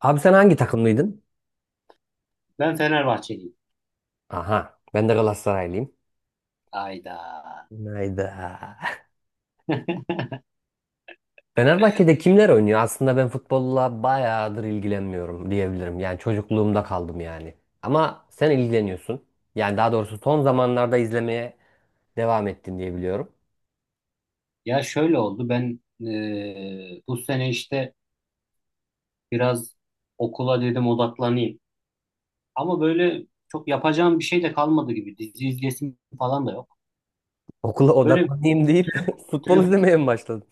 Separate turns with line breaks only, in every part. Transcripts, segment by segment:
Abi sen hangi takımlıydın?
Ben Fenerbahçeliyim.
Aha, ben de Galatasaraylıyım.
Ayda.
Hayda. Fenerbahçe'de kimler oynuyor? Aslında ben futbolla bayağıdır ilgilenmiyorum diyebilirim. Yani çocukluğumda kaldım yani. Ama sen ilgileniyorsun. Yani daha doğrusu son zamanlarda izlemeye devam ettin diye biliyorum.
Ya şöyle oldu. Ben bu sene işte biraz okula dedim odaklanayım. Ama böyle çok yapacağım bir şey de kalmadı gibi. Dizi izlesim falan da yok.
Okula
Böyle
odaklanayım deyip futbol
telef-
izlemeye mi başladın?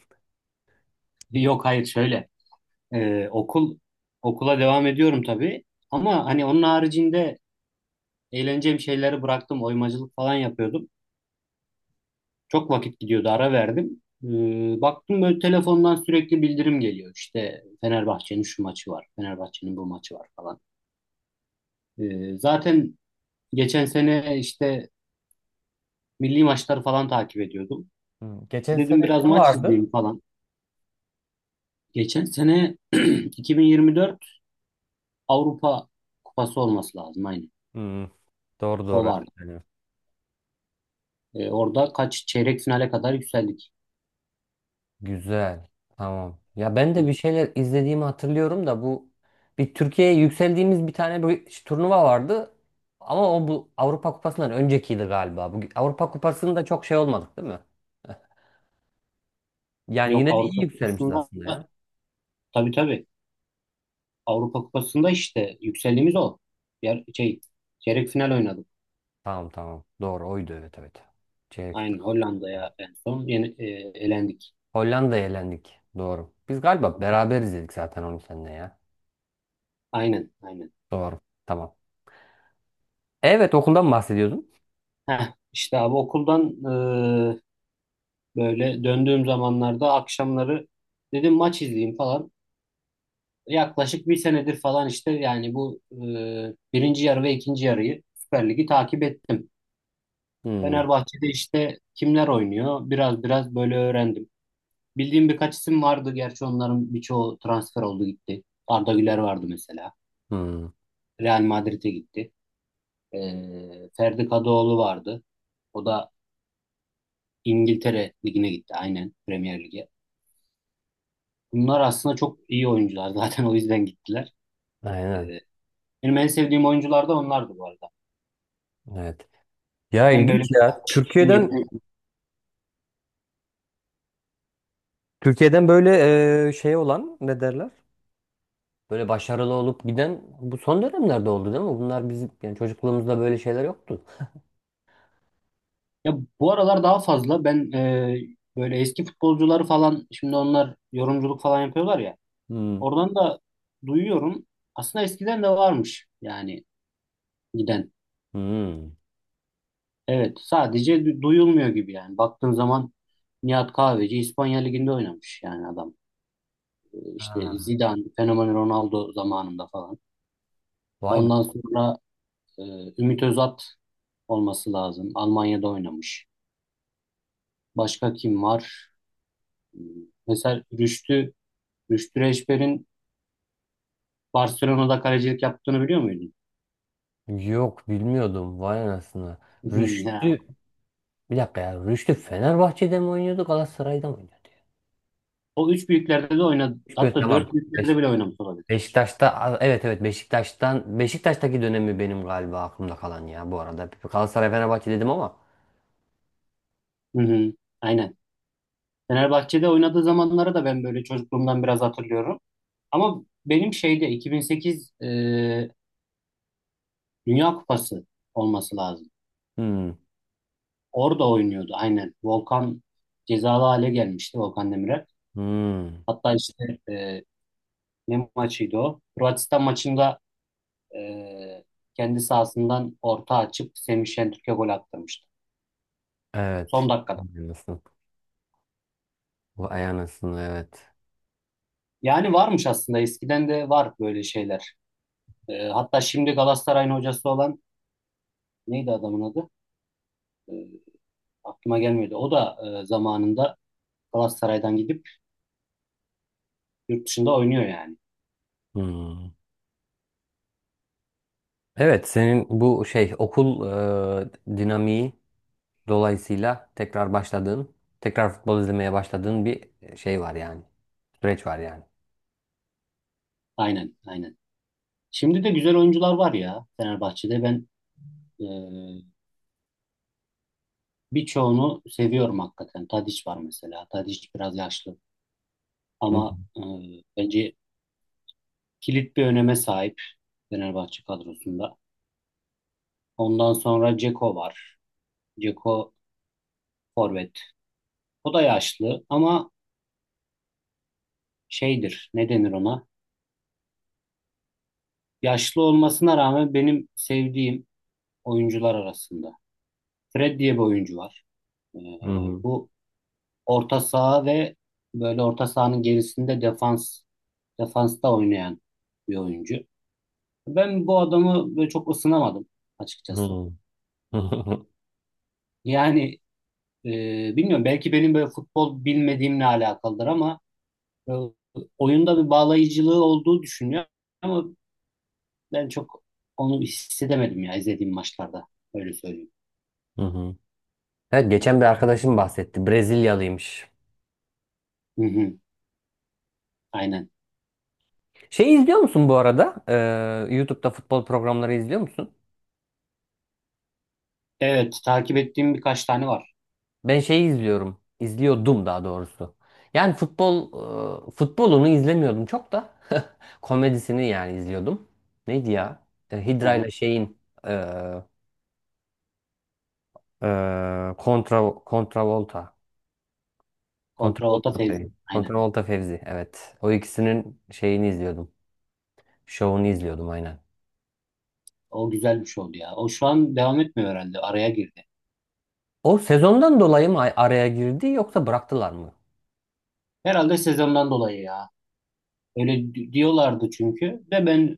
Yok hayır şöyle. E, okul okula devam ediyorum tabii. Ama hani onun haricinde eğleneceğim şeyleri bıraktım. Oymacılık falan yapıyordum. Çok vakit gidiyordu, ara verdim. Baktım böyle telefondan sürekli bildirim geliyor. İşte Fenerbahçe'nin şu maçı var, Fenerbahçe'nin bu maçı var falan. Zaten geçen sene işte milli maçları falan takip ediyordum.
Hmm. Geçen
Dedim
sene
biraz
ne
maç
vardı?
izleyeyim falan. Geçen sene 2024 Avrupa Kupası olması lazım aynı.
Hmm, doğru
O
doğru.
vardı. Orada kaç çeyrek finale kadar yükseldik.
Güzel. Tamam. Ya ben de bir şeyler izlediğimi hatırlıyorum da bu bir Türkiye'ye yükseldiğimiz bir tane bir turnuva vardı. Ama o bu Avrupa Kupası'ndan öncekiydi galiba. Bu Avrupa Kupası'nda çok şey olmadık değil mi? Yani
Yok
yine de iyi
Avrupa
yükselmişiz
Kupası'nda,
aslında ya.
tabii tabii, Avrupa Kupası'nda işte yükseldiğimiz o. Yer, şey, Çeyrek final oynadık.
Tamam. Doğru oydu, evet, evet. Çeyrekte
Aynen
kaldık.
Hollanda'ya en son elendik.
Hollanda'ya elendik. Doğru. Biz galiba beraber izledik zaten onu seninle ya.
Aynen, aynen.
Doğru. Tamam. Evet, okuldan bahsediyordum.
Heh, işte abi okuldan e, böyle döndüğüm zamanlarda akşamları dedim maç izleyeyim falan. Yaklaşık bir senedir falan işte yani bu birinci yarı ve ikinci yarıyı Süper Lig'i takip ettim.
Hmm.
Fenerbahçe'de işte kimler oynuyor biraz biraz böyle öğrendim. Bildiğim birkaç isim vardı. Gerçi onların birçoğu transfer oldu gitti. Arda Güler vardı mesela.
Hmm.
Real Madrid'e gitti. Ferdi Kadıoğlu vardı. O da İngiltere Ligi'ne gitti. Aynen Premier Lig'e. Bunlar aslında çok iyi oyuncular. Zaten o yüzden gittiler. Ee,
Aynen.
Benim en sevdiğim oyuncular da onlardı bu arada.
Evet. Ya
Hem böyle
ilginç ya.
koç, hem
Türkiye'den
yetenekli.
Türkiye'den böyle şey olan ne derler? Böyle başarılı olup giden bu son dönemlerde oldu değil mi? Bunlar bizim yani çocukluğumuzda böyle şeyler yoktu.
Ya bu aralar daha fazla ben böyle eski futbolcuları falan şimdi onlar yorumculuk falan yapıyorlar ya.
Hmm.
Oradan da duyuyorum. Aslında eskiden de varmış yani giden.
Hmm.
Evet, sadece duyulmuyor gibi yani. Baktığın zaman Nihat Kahveci İspanya Ligi'nde oynamış yani adam. İşte
Ha.
Zidane, Fenomen Ronaldo zamanında falan.
Vay be.
Ondan sonra e, Ümit Özat olması lazım. Almanya'da oynamış. Başka kim var? Hmm, Mesela Rüştü Reçber'in Barcelona'da kalecilik yaptığını biliyor muydun?
Yok bilmiyordum. Vay anasını.
Ya.
Rüştü. Bir dakika ya. Rüştü Fenerbahçe'de mi oynuyordu, Galatasaray'da mı oynuyordu ya?
O üç büyüklerde de oynadı.
Üç
Hatta
tamam.
dört büyüklerde bile oynamış olabilir.
Beşiktaş'ta evet, evet, Beşiktaş'taki dönemi benim galiba aklımda kalan ya bu arada. Galatasaray Fenerbahçe dedim ama.
Hı hı, aynen. Fenerbahçe'de oynadığı zamanları da ben böyle çocukluğumdan biraz hatırlıyorum. Ama benim şeyde 2008 Dünya Kupası olması lazım.
Hmm.
Orada oynuyordu aynen. Volkan cezalı hale gelmişti, Volkan Demirel.
Hmm.
Hatta işte ne maçıydı o? Hırvatistan maçında e, kendi sahasından orta açıp Semih Şentürk'e gol attırmıştı. Son
Evet.
dakikada.
Aynısın. Bu aynısın, evet.
Yani varmış, aslında eskiden de var böyle şeyler. Hatta şimdi Galatasaray'ın hocası olan neydi adamın adı? Aklıma gelmedi. O da zamanında Galatasaray'dan gidip yurt dışında oynuyor yani.
Hmm. Evet, senin bu şey okul dinamiği dolayısıyla tekrar başladığın, tekrar futbol izlemeye başladığın bir şey var yani. Süreç var yani.
Aynen, aynen. Şimdi de güzel oyuncular var ya Fenerbahçe'de. Ben e, birçoğunu seviyorum hakikaten. Tadiç var mesela. Tadiç biraz yaşlı
Hı
ama bence kilit bir öneme sahip Fenerbahçe kadrosunda. Ondan sonra Ceko var. Ceko forvet. O da yaşlı ama şeydir. Ne denir ona? Yaşlı olmasına rağmen benim sevdiğim oyuncular arasında. Fred diye bir oyuncu var. Ee,
hı.
Bu orta saha ve böyle orta sahanın gerisinde defansta oynayan bir oyuncu. Ben bu adamı böyle çok ısınamadım açıkçası.
Hı hı.
Yani e, bilmiyorum, belki benim böyle futbol bilmediğimle alakalıdır ama e, oyunda bir bağlayıcılığı olduğu düşünüyorum ama ben çok onu hissedemedim ya izlediğim maçlarda, öyle söyleyeyim.
Hı hı. Evet, geçen bir arkadaşım bahsetti. Brezilyalıymış.
Hı hı, aynen.
Şey izliyor musun bu arada? YouTube'da futbol programları izliyor musun?
Evet, takip ettiğim birkaç tane var.
Ben şeyi izliyorum. İzliyordum daha doğrusu. Yani futbol futbolunu izlemiyordum, çok da komedisini yani izliyordum. Neydi ya? E,
Hı
Hydra
hı.
ile şeyin e, kontra kontravolta.
Kontravolta
Kontravolta
Fevzi.
Fevzi.
Aynen.
Kontravolta Fevzi, evet. O ikisinin şeyini izliyordum. Şovunu izliyordum aynen.
O güzel bir şey oldu ya. O şu an devam etmiyor herhalde. Araya girdi.
O sezondan dolayı mı araya girdi, yoksa bıraktılar mı?
Herhalde sezondan dolayı ya. Öyle diyorlardı çünkü. De ben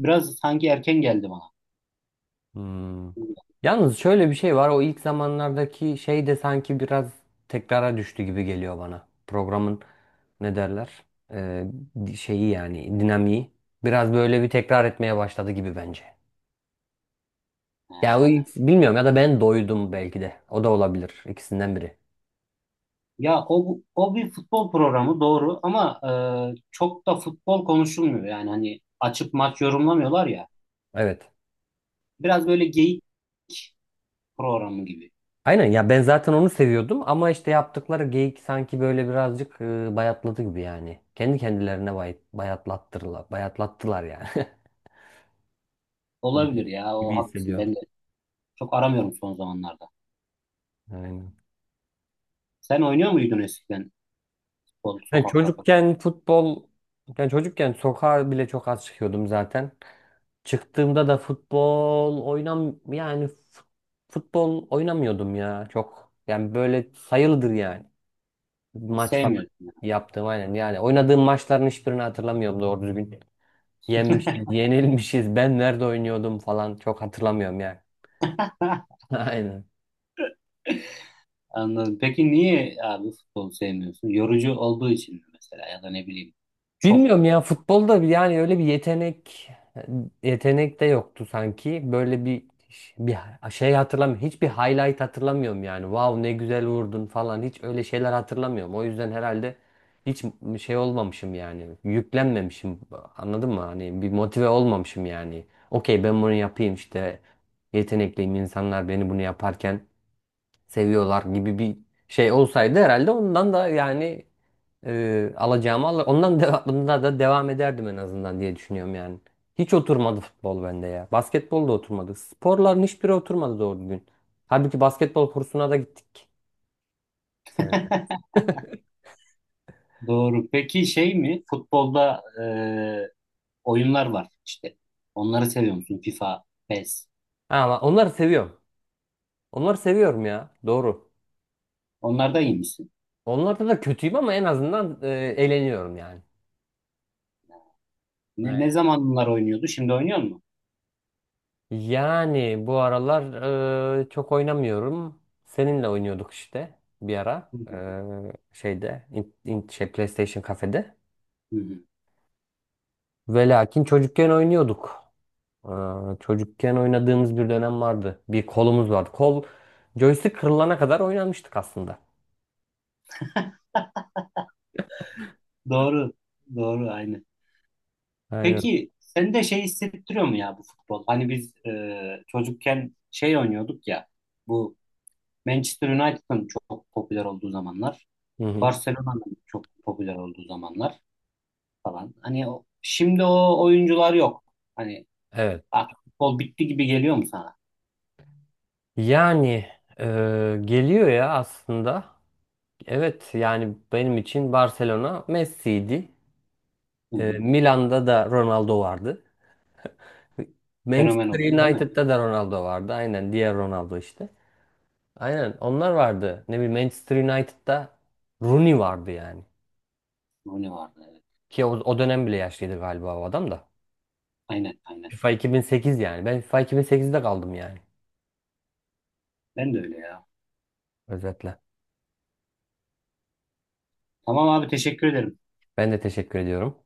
biraz sanki erken geldi bana.
Hmm. Yalnız şöyle bir şey var. O ilk zamanlardaki şey de sanki biraz tekrara düştü gibi geliyor bana. Programın ne derler? Ee, Şeyi yani dinamiği. Biraz böyle bir tekrar etmeye başladı gibi bence.
He.
Ya o ilk, bilmiyorum, ya da ben doydum belki de. O da olabilir. İkisinden biri.
Ya o bir futbol programı doğru ama çok da futbol konuşulmuyor. Yani hani açıp maç yorumlamıyorlar ya.
Evet.
Biraz böyle geyik programı gibi.
Aynen ya, ben zaten onu seviyordum ama işte yaptıkları geyik sanki böyle birazcık bayatladı gibi yani. Kendi kendilerine bayatlattılar yani. Gibi
Olabilir ya, o
gibi
haklısın.
hissediyorum.
Ben de çok aramıyorum son zamanlarda.
Aynen.
Sen oynuyor muydun eskiden futbol
Ben
sokakta falan?
çocukken futbol, yani çocukken sokağa bile çok az çıkıyordum zaten. Çıktığımda da futbol oynam yani futbol oynamıyordum ya çok. Yani böyle sayılıdır yani. Maç falan
Sevmiyordun.
yaptım aynen. Yani oynadığım maçların hiçbirini hatırlamıyorum doğru düzgün. Yenmişiz, yenilmişiz. Ben nerede oynuyordum falan çok hatırlamıyorum yani. Aynen.
Anladım. Peki niye abi futbolu sevmiyorsun? Yorucu olduğu için mi mesela ya da ne bileyim. Çok
Bilmiyorum ya, futbolda yani öyle bir yetenek de yoktu sanki. Böyle bir şey hatırlamıyorum. Hiçbir highlight hatırlamıyorum yani. Wow, ne güzel vurdun falan, hiç öyle şeyler hatırlamıyorum. O yüzden herhalde hiç şey olmamışım yani. Yüklenmemişim. Anladın mı? Hani bir motive olmamışım yani. Okey, ben bunu yapayım işte. Yetenekliyim, insanlar beni bunu yaparken seviyorlar gibi bir şey olsaydı herhalde ondan da yani alacağımı al, ondan da bunda da devam ederdim en azından diye düşünüyorum yani. Hiç oturmadı futbol bende ya. Basketbol da oturmadı. Sporların hiçbiri oturmadı doğru düzgün. Halbuki basketbol kursuna da gittik senede.
doğru. Peki şey mi? Futbolda oyunlar var işte. Onları seviyor musun? FIFA, PES.
Ama onları seviyorum. Onları seviyorum ya. Doğru.
Onlarda iyi misin?
Onlarda da kötüyüm ama en azından eğleniyorum yani.
Ne
Aynen.
zaman bunlar oynuyordu? Şimdi oynuyor mu?
Yani bu aralar çok oynamıyorum. Seninle oynuyorduk işte bir ara.
Hı hı.
Şeyde şey PlayStation kafede.
Hı hı.
Ve lakin çocukken oynuyorduk. Aa, çocukken oynadığımız bir dönem vardı. Bir kolumuz vardı. Kol joystick kırılana kadar oynamıştık aslında.
Doğru. Doğru aynı.
Aynen.
Peki sen de şey hissettiriyor mu ya, bu futbol? Hani biz çocukken şey oynuyorduk ya. Bu Manchester United'ın çok popüler olduğu zamanlar.
Hı hı.
Barcelona'nın çok popüler olduğu zamanlar falan. Hani o, şimdi o oyuncular yok. Hani
Evet.
artık futbol bitti gibi geliyor mu sana?
Yani e, geliyor ya aslında. Evet yani benim için Barcelona Messi'ydi.
Hı
E,
hı.
Milan'da da Ronaldo vardı.
Fenomen
Manchester
oldu değil mi?
United'da da Ronaldo vardı. Aynen, diğer Ronaldo işte. Aynen, onlar vardı. Ne bileyim, Manchester United'da Rooney vardı yani.
Rooney vardı, evet.
Ki o, o dönem bile yaşlıydı galiba o adam da.
Aynen, aynen.
FIFA 2008 yani. Ben FIFA 2008'de kaldım yani.
Ben de öyle ya.
Özetle.
Tamam abi, teşekkür ederim.
Ben de teşekkür ediyorum.